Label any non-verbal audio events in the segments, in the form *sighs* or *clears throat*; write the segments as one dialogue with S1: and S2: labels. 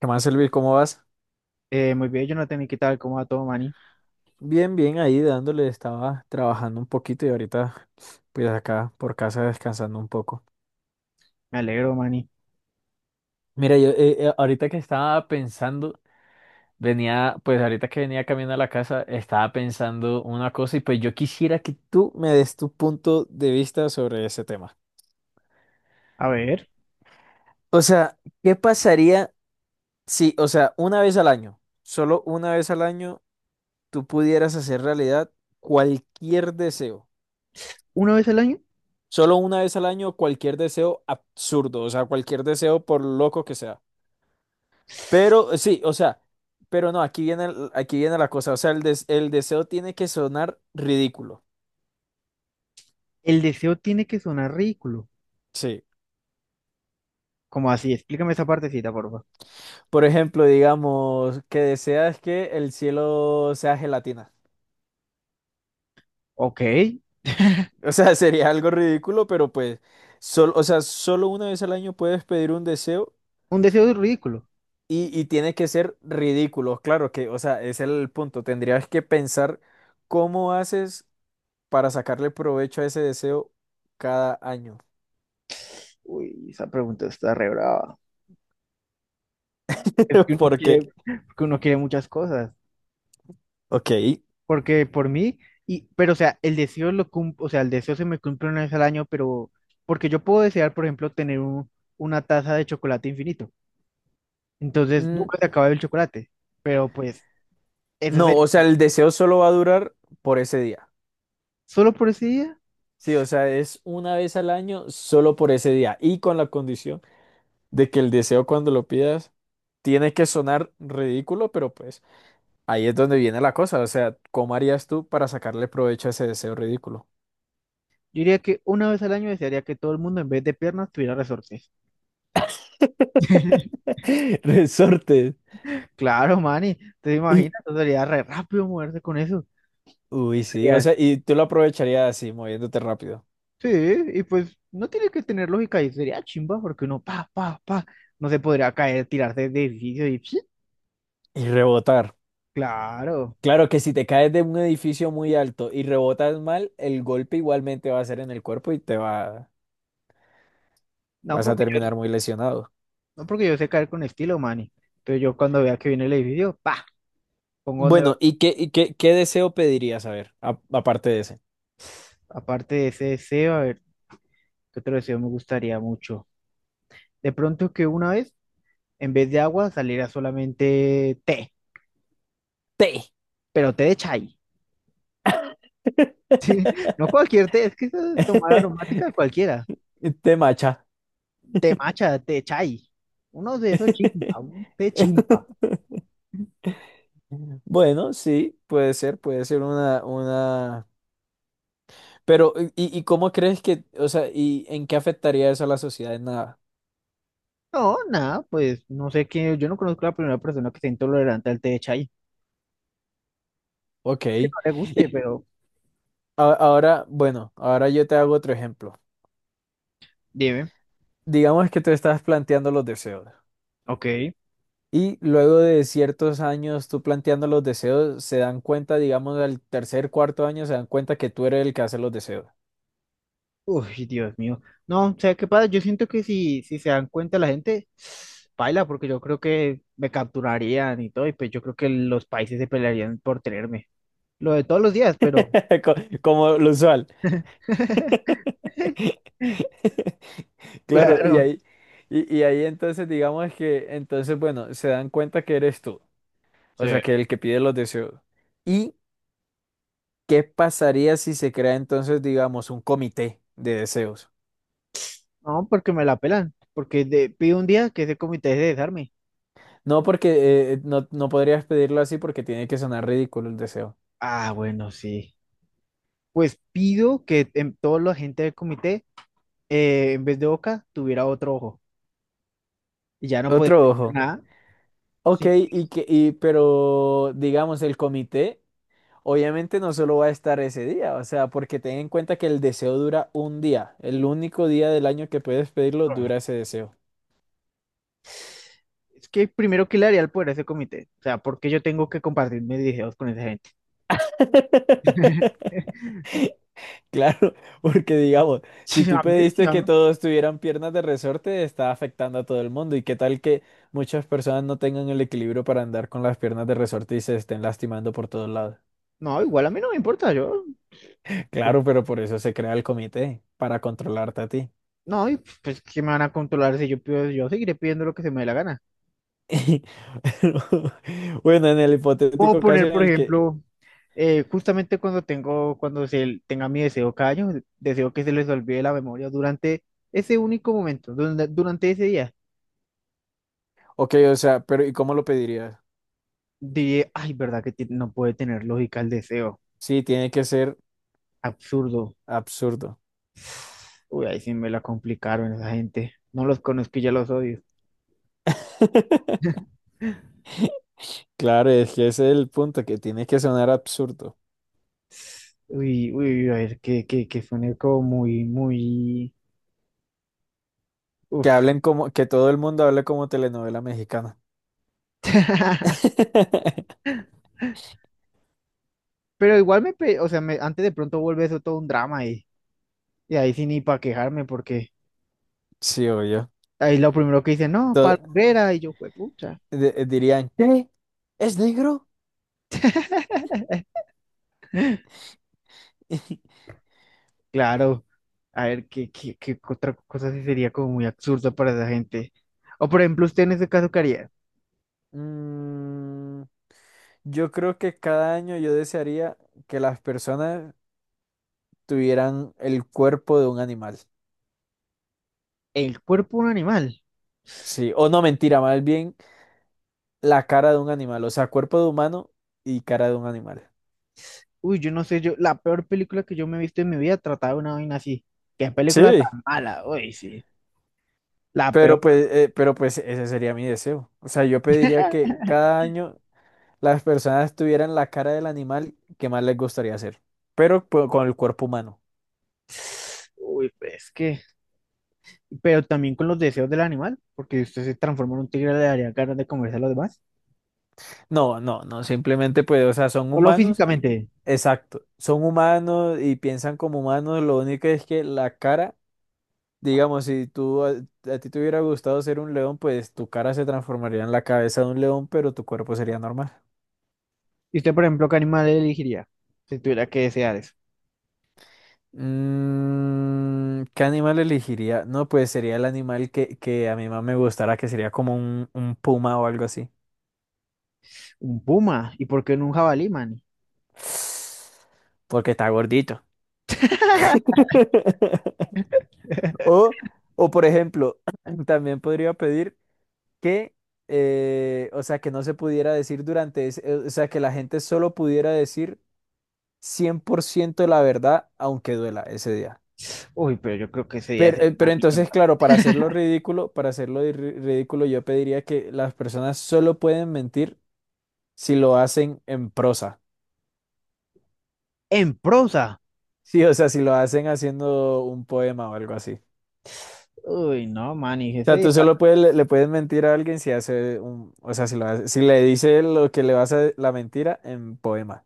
S1: ¿Qué más, Elvis? ¿Cómo vas?
S2: Muy bien, Jonathan, ¿y qué tal? ¿Cómo va todo, Manny?
S1: Bien, bien, ahí dándole, estaba trabajando un poquito y ahorita pues acá por casa descansando un poco.
S2: Me alegro, Manny.
S1: Mira, yo ahorita que estaba pensando, venía, pues ahorita que venía caminando a la casa, estaba pensando una cosa y pues yo quisiera que tú me des tu punto de vista sobre ese tema.
S2: A ver,
S1: O sea, ¿qué pasaría si, o sea, una vez al año, solo una vez al año, tú pudieras hacer realidad cualquier deseo?
S2: una vez al año,
S1: Solo una vez al año cualquier deseo absurdo, o sea, cualquier deseo por loco que sea. Pero sí, o sea, pero no, aquí viene, aquí viene la cosa, o sea, el, el deseo tiene que sonar ridículo.
S2: el deseo tiene que sonar ridículo.
S1: Sí.
S2: ¿Cómo así? Explícame esa partecita, porfa. Favor.
S1: Por ejemplo, digamos, que deseas que el cielo sea gelatina.
S2: Ok,
S1: O sea, *laughs* sería algo ridículo, pero pues, o sea, solo una vez al año puedes pedir un deseo
S2: un deseo ridículo.
S1: y tiene que ser ridículo. Claro que, o sea, ese es el punto. Tendrías que pensar cómo haces para sacarle provecho a ese deseo cada año.
S2: Uy, esa pregunta está re brava. Es
S1: *laughs* Porque,
S2: que uno quiere muchas cosas.
S1: ok.
S2: Porque por mí, y, pero o sea, el deseo lo cum- o sea, el deseo se me cumple una vez al año, pero porque yo puedo desear, por ejemplo, tener un- una taza de chocolate infinito. Entonces
S1: Mm,
S2: nunca se acaba el chocolate. Pero pues, ese es
S1: no,
S2: el.
S1: o sea, el deseo solo va a durar por ese día.
S2: Solo por ese día.
S1: Sí, o sea, es una vez al año solo por ese día y con la condición de que el deseo cuando lo pidas tiene que sonar ridículo, pero pues ahí es donde viene la cosa. O sea, ¿cómo harías tú para sacarle provecho a ese deseo ridículo?
S2: Yo diría que una vez al año desearía que todo el mundo en vez de piernas tuviera resortes. *laughs*
S1: *laughs* Resortes.
S2: Claro, mani, te
S1: Y,
S2: imaginas, entonces sería re rápido moverse con eso.
S1: uy, sí, o
S2: Sería-
S1: sea, y tú lo aprovecharías así, moviéndote rápido
S2: sí, y pues no tiene que tener lógica y sería chimba porque uno pa, pa, pa, no se podría caer, tirarse de edificio y ¡psi!
S1: y rebotar.
S2: Claro.
S1: Claro que si te caes de un edificio muy alto y rebotas mal, el golpe igualmente va a ser en el cuerpo y te va,
S2: No
S1: vas a
S2: porque yo,
S1: terminar muy lesionado.
S2: no porque yo sé caer con estilo, mani. Entonces yo cuando vea que viene el edificio, pa, pongo donde va.
S1: Bueno, y qué, qué deseo pedirías? A ver, aparte de ese.
S2: Aparte de ese deseo, a ver, ¿qué otro deseo me gustaría mucho? De pronto que una vez, en vez de agua, saliera solamente té.
S1: Té.
S2: Pero té de chai. No cualquier té, es que eso es tomar aromática
S1: *laughs*
S2: cualquiera.
S1: Té macha.
S2: Té matcha, té chai. Uno de esos chimpa, un té chimpa.
S1: *laughs* Bueno, sí, puede ser una, una. Pero, y cómo crees que, o sea, y en qué afectaría eso a la sociedad? En nada.
S2: No, nada, pues no sé qué, yo no conozco a la primera persona que sea intolerante al té de chai.
S1: Ok. Y
S2: No le guste, pero
S1: ahora, bueno, ahora yo te hago otro ejemplo.
S2: dime.
S1: Digamos que tú estás planteando los deseos
S2: Ok.
S1: y luego de ciertos años tú planteando los deseos se dan cuenta, digamos, al tercer, cuarto año se dan cuenta que tú eres el que hace los deseos.
S2: Uy, Dios mío. No, o sea, ¿qué pasa? Yo siento que si, si se dan cuenta la gente, baila, porque yo creo que me capturarían y todo, y pues yo creo que los países se pelearían por tenerme. Lo de todos los días, pero...
S1: *laughs* Co- Como lo usual. *laughs*
S2: *laughs*
S1: Claro, y
S2: Claro.
S1: ahí, y ahí entonces digamos que, entonces, bueno, se dan cuenta que eres tú,
S2: Sí.
S1: o sea, que el que pide los deseos. ¿Y qué pasaría si se crea entonces, digamos, un comité de deseos?
S2: No, porque me la pelan. Porque de- pido un día que ese comité de desarme.
S1: No, porque no, no podrías pedirlo así porque tiene que sonar ridículo el deseo.
S2: Ah, bueno, sí. Pues pido que en, toda la gente del comité, en vez de boca, tuviera otro ojo. Y ya no podría
S1: Otro
S2: decir
S1: ojo.
S2: nada.
S1: Ok,
S2: Sí.
S1: y que, y, pero digamos, el comité obviamente no solo va a estar ese día, o sea, porque ten en cuenta que el deseo dura un día. El único día del año que puedes pedirlo
S2: Ah,
S1: dura ese deseo.
S2: es que primero, ¿que le haría el poder a ese comité? O sea, ¿porque yo tengo que compartir mis videos con esa gente?
S1: *laughs*
S2: *laughs*
S1: Claro, porque digamos, si
S2: Sí,
S1: tú
S2: a mí, sí,
S1: pediste
S2: a
S1: que
S2: mí.
S1: todos tuvieran piernas de resorte, está afectando a todo el mundo. ¿Y qué tal que muchas personas no tengan el equilibrio para andar con las piernas de resorte y se estén lastimando por todos lados?
S2: No, igual a mí no me importa, yo.
S1: Claro, pero por eso se crea el comité, para controlarte a ti.
S2: No, y pues que me van a controlar si yo pido, yo seguiré pidiendo lo que se me dé la gana.
S1: *laughs* Bueno, en el
S2: Puedo
S1: hipotético caso
S2: poner,
S1: en
S2: por
S1: el que,
S2: ejemplo, justamente cuando tengo, cuando se tenga mi deseo cada año, deseo que se les olvide la memoria durante ese único momento, durante, durante ese día.
S1: ok, o sea, pero ¿y cómo lo pedirías?
S2: Dije, ay, ¿verdad que ti- no puede tener lógica el deseo?
S1: Sí, tiene que ser
S2: Absurdo.
S1: absurdo.
S2: Uy, ahí sí me la complicaron esa gente. No los conozco y ya los odio.
S1: *laughs* Claro, es que ese es el punto, que tiene que sonar absurdo.
S2: Uy, uy, a ver, que suene como muy, muy...
S1: Que
S2: Uf.
S1: hablen como, que todo el mundo hable como telenovela mexicana.
S2: *laughs*
S1: *laughs*
S2: Pero igual me, pe- o sea, me, antes de pronto vuelve eso todo un drama y ahí sí ni para quejarme porque
S1: Sí, obvio.
S2: ahí lo primero que dice, no, para
S1: To-
S2: Herrera y yo, fue
S1: dirían, ¿qué? ¿Es negro?
S2: *laughs* Eh,
S1: *laughs*
S2: claro, a ver, ¿qué, qué, qué otra cosa sí sería como muy absurda para esa gente? O por ejemplo, usted en ese caso, ¿qué haría?
S1: Mm, yo creo que cada año yo desearía que las personas tuvieran el cuerpo de un animal.
S2: El cuerpo de un animal.
S1: Sí, o no mentira, más bien la cara de un animal, o sea, cuerpo de humano y cara de un animal.
S2: Uy, yo no sé, yo, la peor película que yo me he visto en mi vida trataba de una vaina así. ¿Qué película
S1: Sí,
S2: tan mala? Uy, sí, la peor.
S1: pero pues ese sería mi deseo. O sea, yo pediría que cada año las personas tuvieran la cara del animal que más les gustaría hacer, pero pues, con el cuerpo humano.
S2: *sighs* Uy, pues es que, pero también con los deseos del animal, porque si usted se transforma en un tigre, le daría ganas de comerse a los demás.
S1: No, no, no, simplemente pues, o sea, son
S2: Solo
S1: humanos y,
S2: físicamente.
S1: exacto, son humanos y piensan como humanos, lo único es que la cara, digamos, si tú, a ti te hubiera gustado ser un león, pues tu cara se transformaría en la cabeza de un león, pero tu cuerpo sería normal.
S2: ¿Y usted, por ejemplo, qué animal elegiría? Si tuviera que desear eso.
S1: Mm, ¿qué animal elegiría? No, pues sería el animal que a mí más me gustara, que sería como un puma o algo así.
S2: Un puma. ¿Y por qué no un jabalí, man?
S1: *sighs* Porque está gordito.
S2: *laughs*
S1: *laughs* O, o por ejemplo, *clears throat* también podría pedir que, o sea, que no se pudiera decir durante ese, o sea, que la gente solo pudiera decir 100% la verdad, aunque duela ese día.
S2: Uy, pero yo creo que ese día sería una
S1: Pero
S2: mierda.
S1: entonces, claro, para hacerlo ridículo, para hacerlo de ridículo, yo pediría que las personas solo pueden mentir si lo hacen en prosa.
S2: En prosa.
S1: Sí, o sea, si lo hacen haciendo un poema o algo así.
S2: Uy, no, man, y ese
S1: Sea,
S2: día-
S1: tú solo puedes, le puedes mentir a alguien si hace un, o sea, si le dice lo que le vas a la mentira en poema.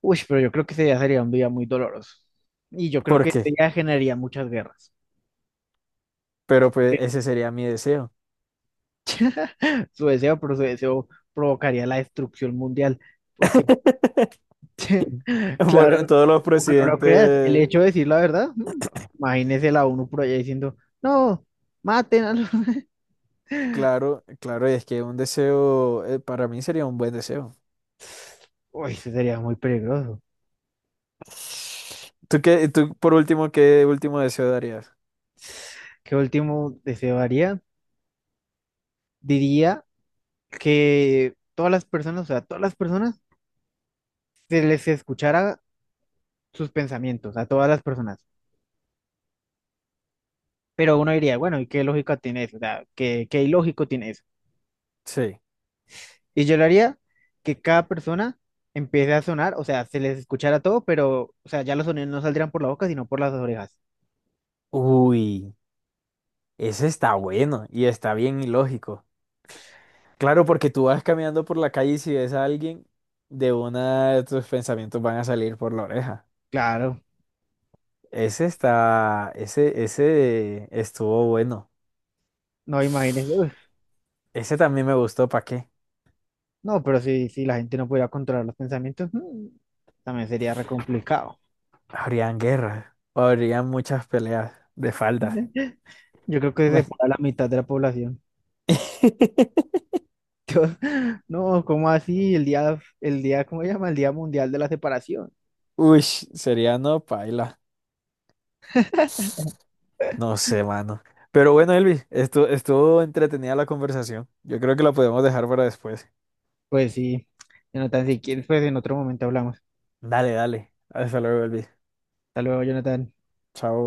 S2: Uy, pero yo creo que ese día sería un día muy doloroso. Y yo creo
S1: ¿Por
S2: que ese
S1: qué?
S2: día generaría muchas guerras.
S1: Pero pues ese
S2: *laughs*
S1: sería mi deseo.
S2: Su deseo, pero su deseo provocaría la destrucción mundial. Porque,
S1: *laughs*
S2: *laughs*
S1: Por-
S2: claro,
S1: todos los
S2: aunque no lo creas, el
S1: presidentes,
S2: hecho de decir la verdad, mm, imagínese la ONU por allá diciendo, no, maten a los... *laughs*
S1: claro, claro, y es que un deseo, para mí sería un buen deseo.
S2: Uy, eso sería muy peligroso.
S1: ¿Tú qué, tú por último, qué último deseo darías?
S2: ¿Qué último deseo haría? Diría que todas las personas, o sea, todas las personas se les escuchara sus pensamientos a todas las personas. Pero uno diría, bueno, ¿y qué lógica tiene eso? O sea, ¿qué, qué ilógico tiene eso?
S1: Sí.
S2: Y yo lo haría que cada persona empiece a sonar, o sea, se les escuchara todo, pero, o sea, ya los sonidos no saldrían por la boca, sino por las orejas.
S1: Uy, ese está bueno y está bien ilógico. Claro, porque tú vas caminando por la calle y si ves a alguien, de una de tus pensamientos van a salir por la oreja.
S2: Claro,
S1: Ese está, ese estuvo bueno.
S2: no imagínense. Uf.
S1: Ese también me gustó, ¿para qué?
S2: No, pero si, si la gente no pudiera controlar los pensamientos, mm, también sería re complicado.
S1: Habrían guerras, o habrían muchas peleas de faldas.
S2: Yo creo que se separa la
S1: *laughs*
S2: mitad de la población. No, ¿cómo así? El día, ¿cómo se llama? El Día Mundial de la Separación.
S1: Uy, sería no paila. No sé, mano. Pero bueno, Elvis, estuvo entretenida la conversación. Yo creo que la podemos dejar para después.
S2: Pues sí, Jonathan, si quieres, pues en otro momento hablamos.
S1: Dale, dale. Hasta luego, Elvis.
S2: Hasta luego, Jonathan.
S1: Chao.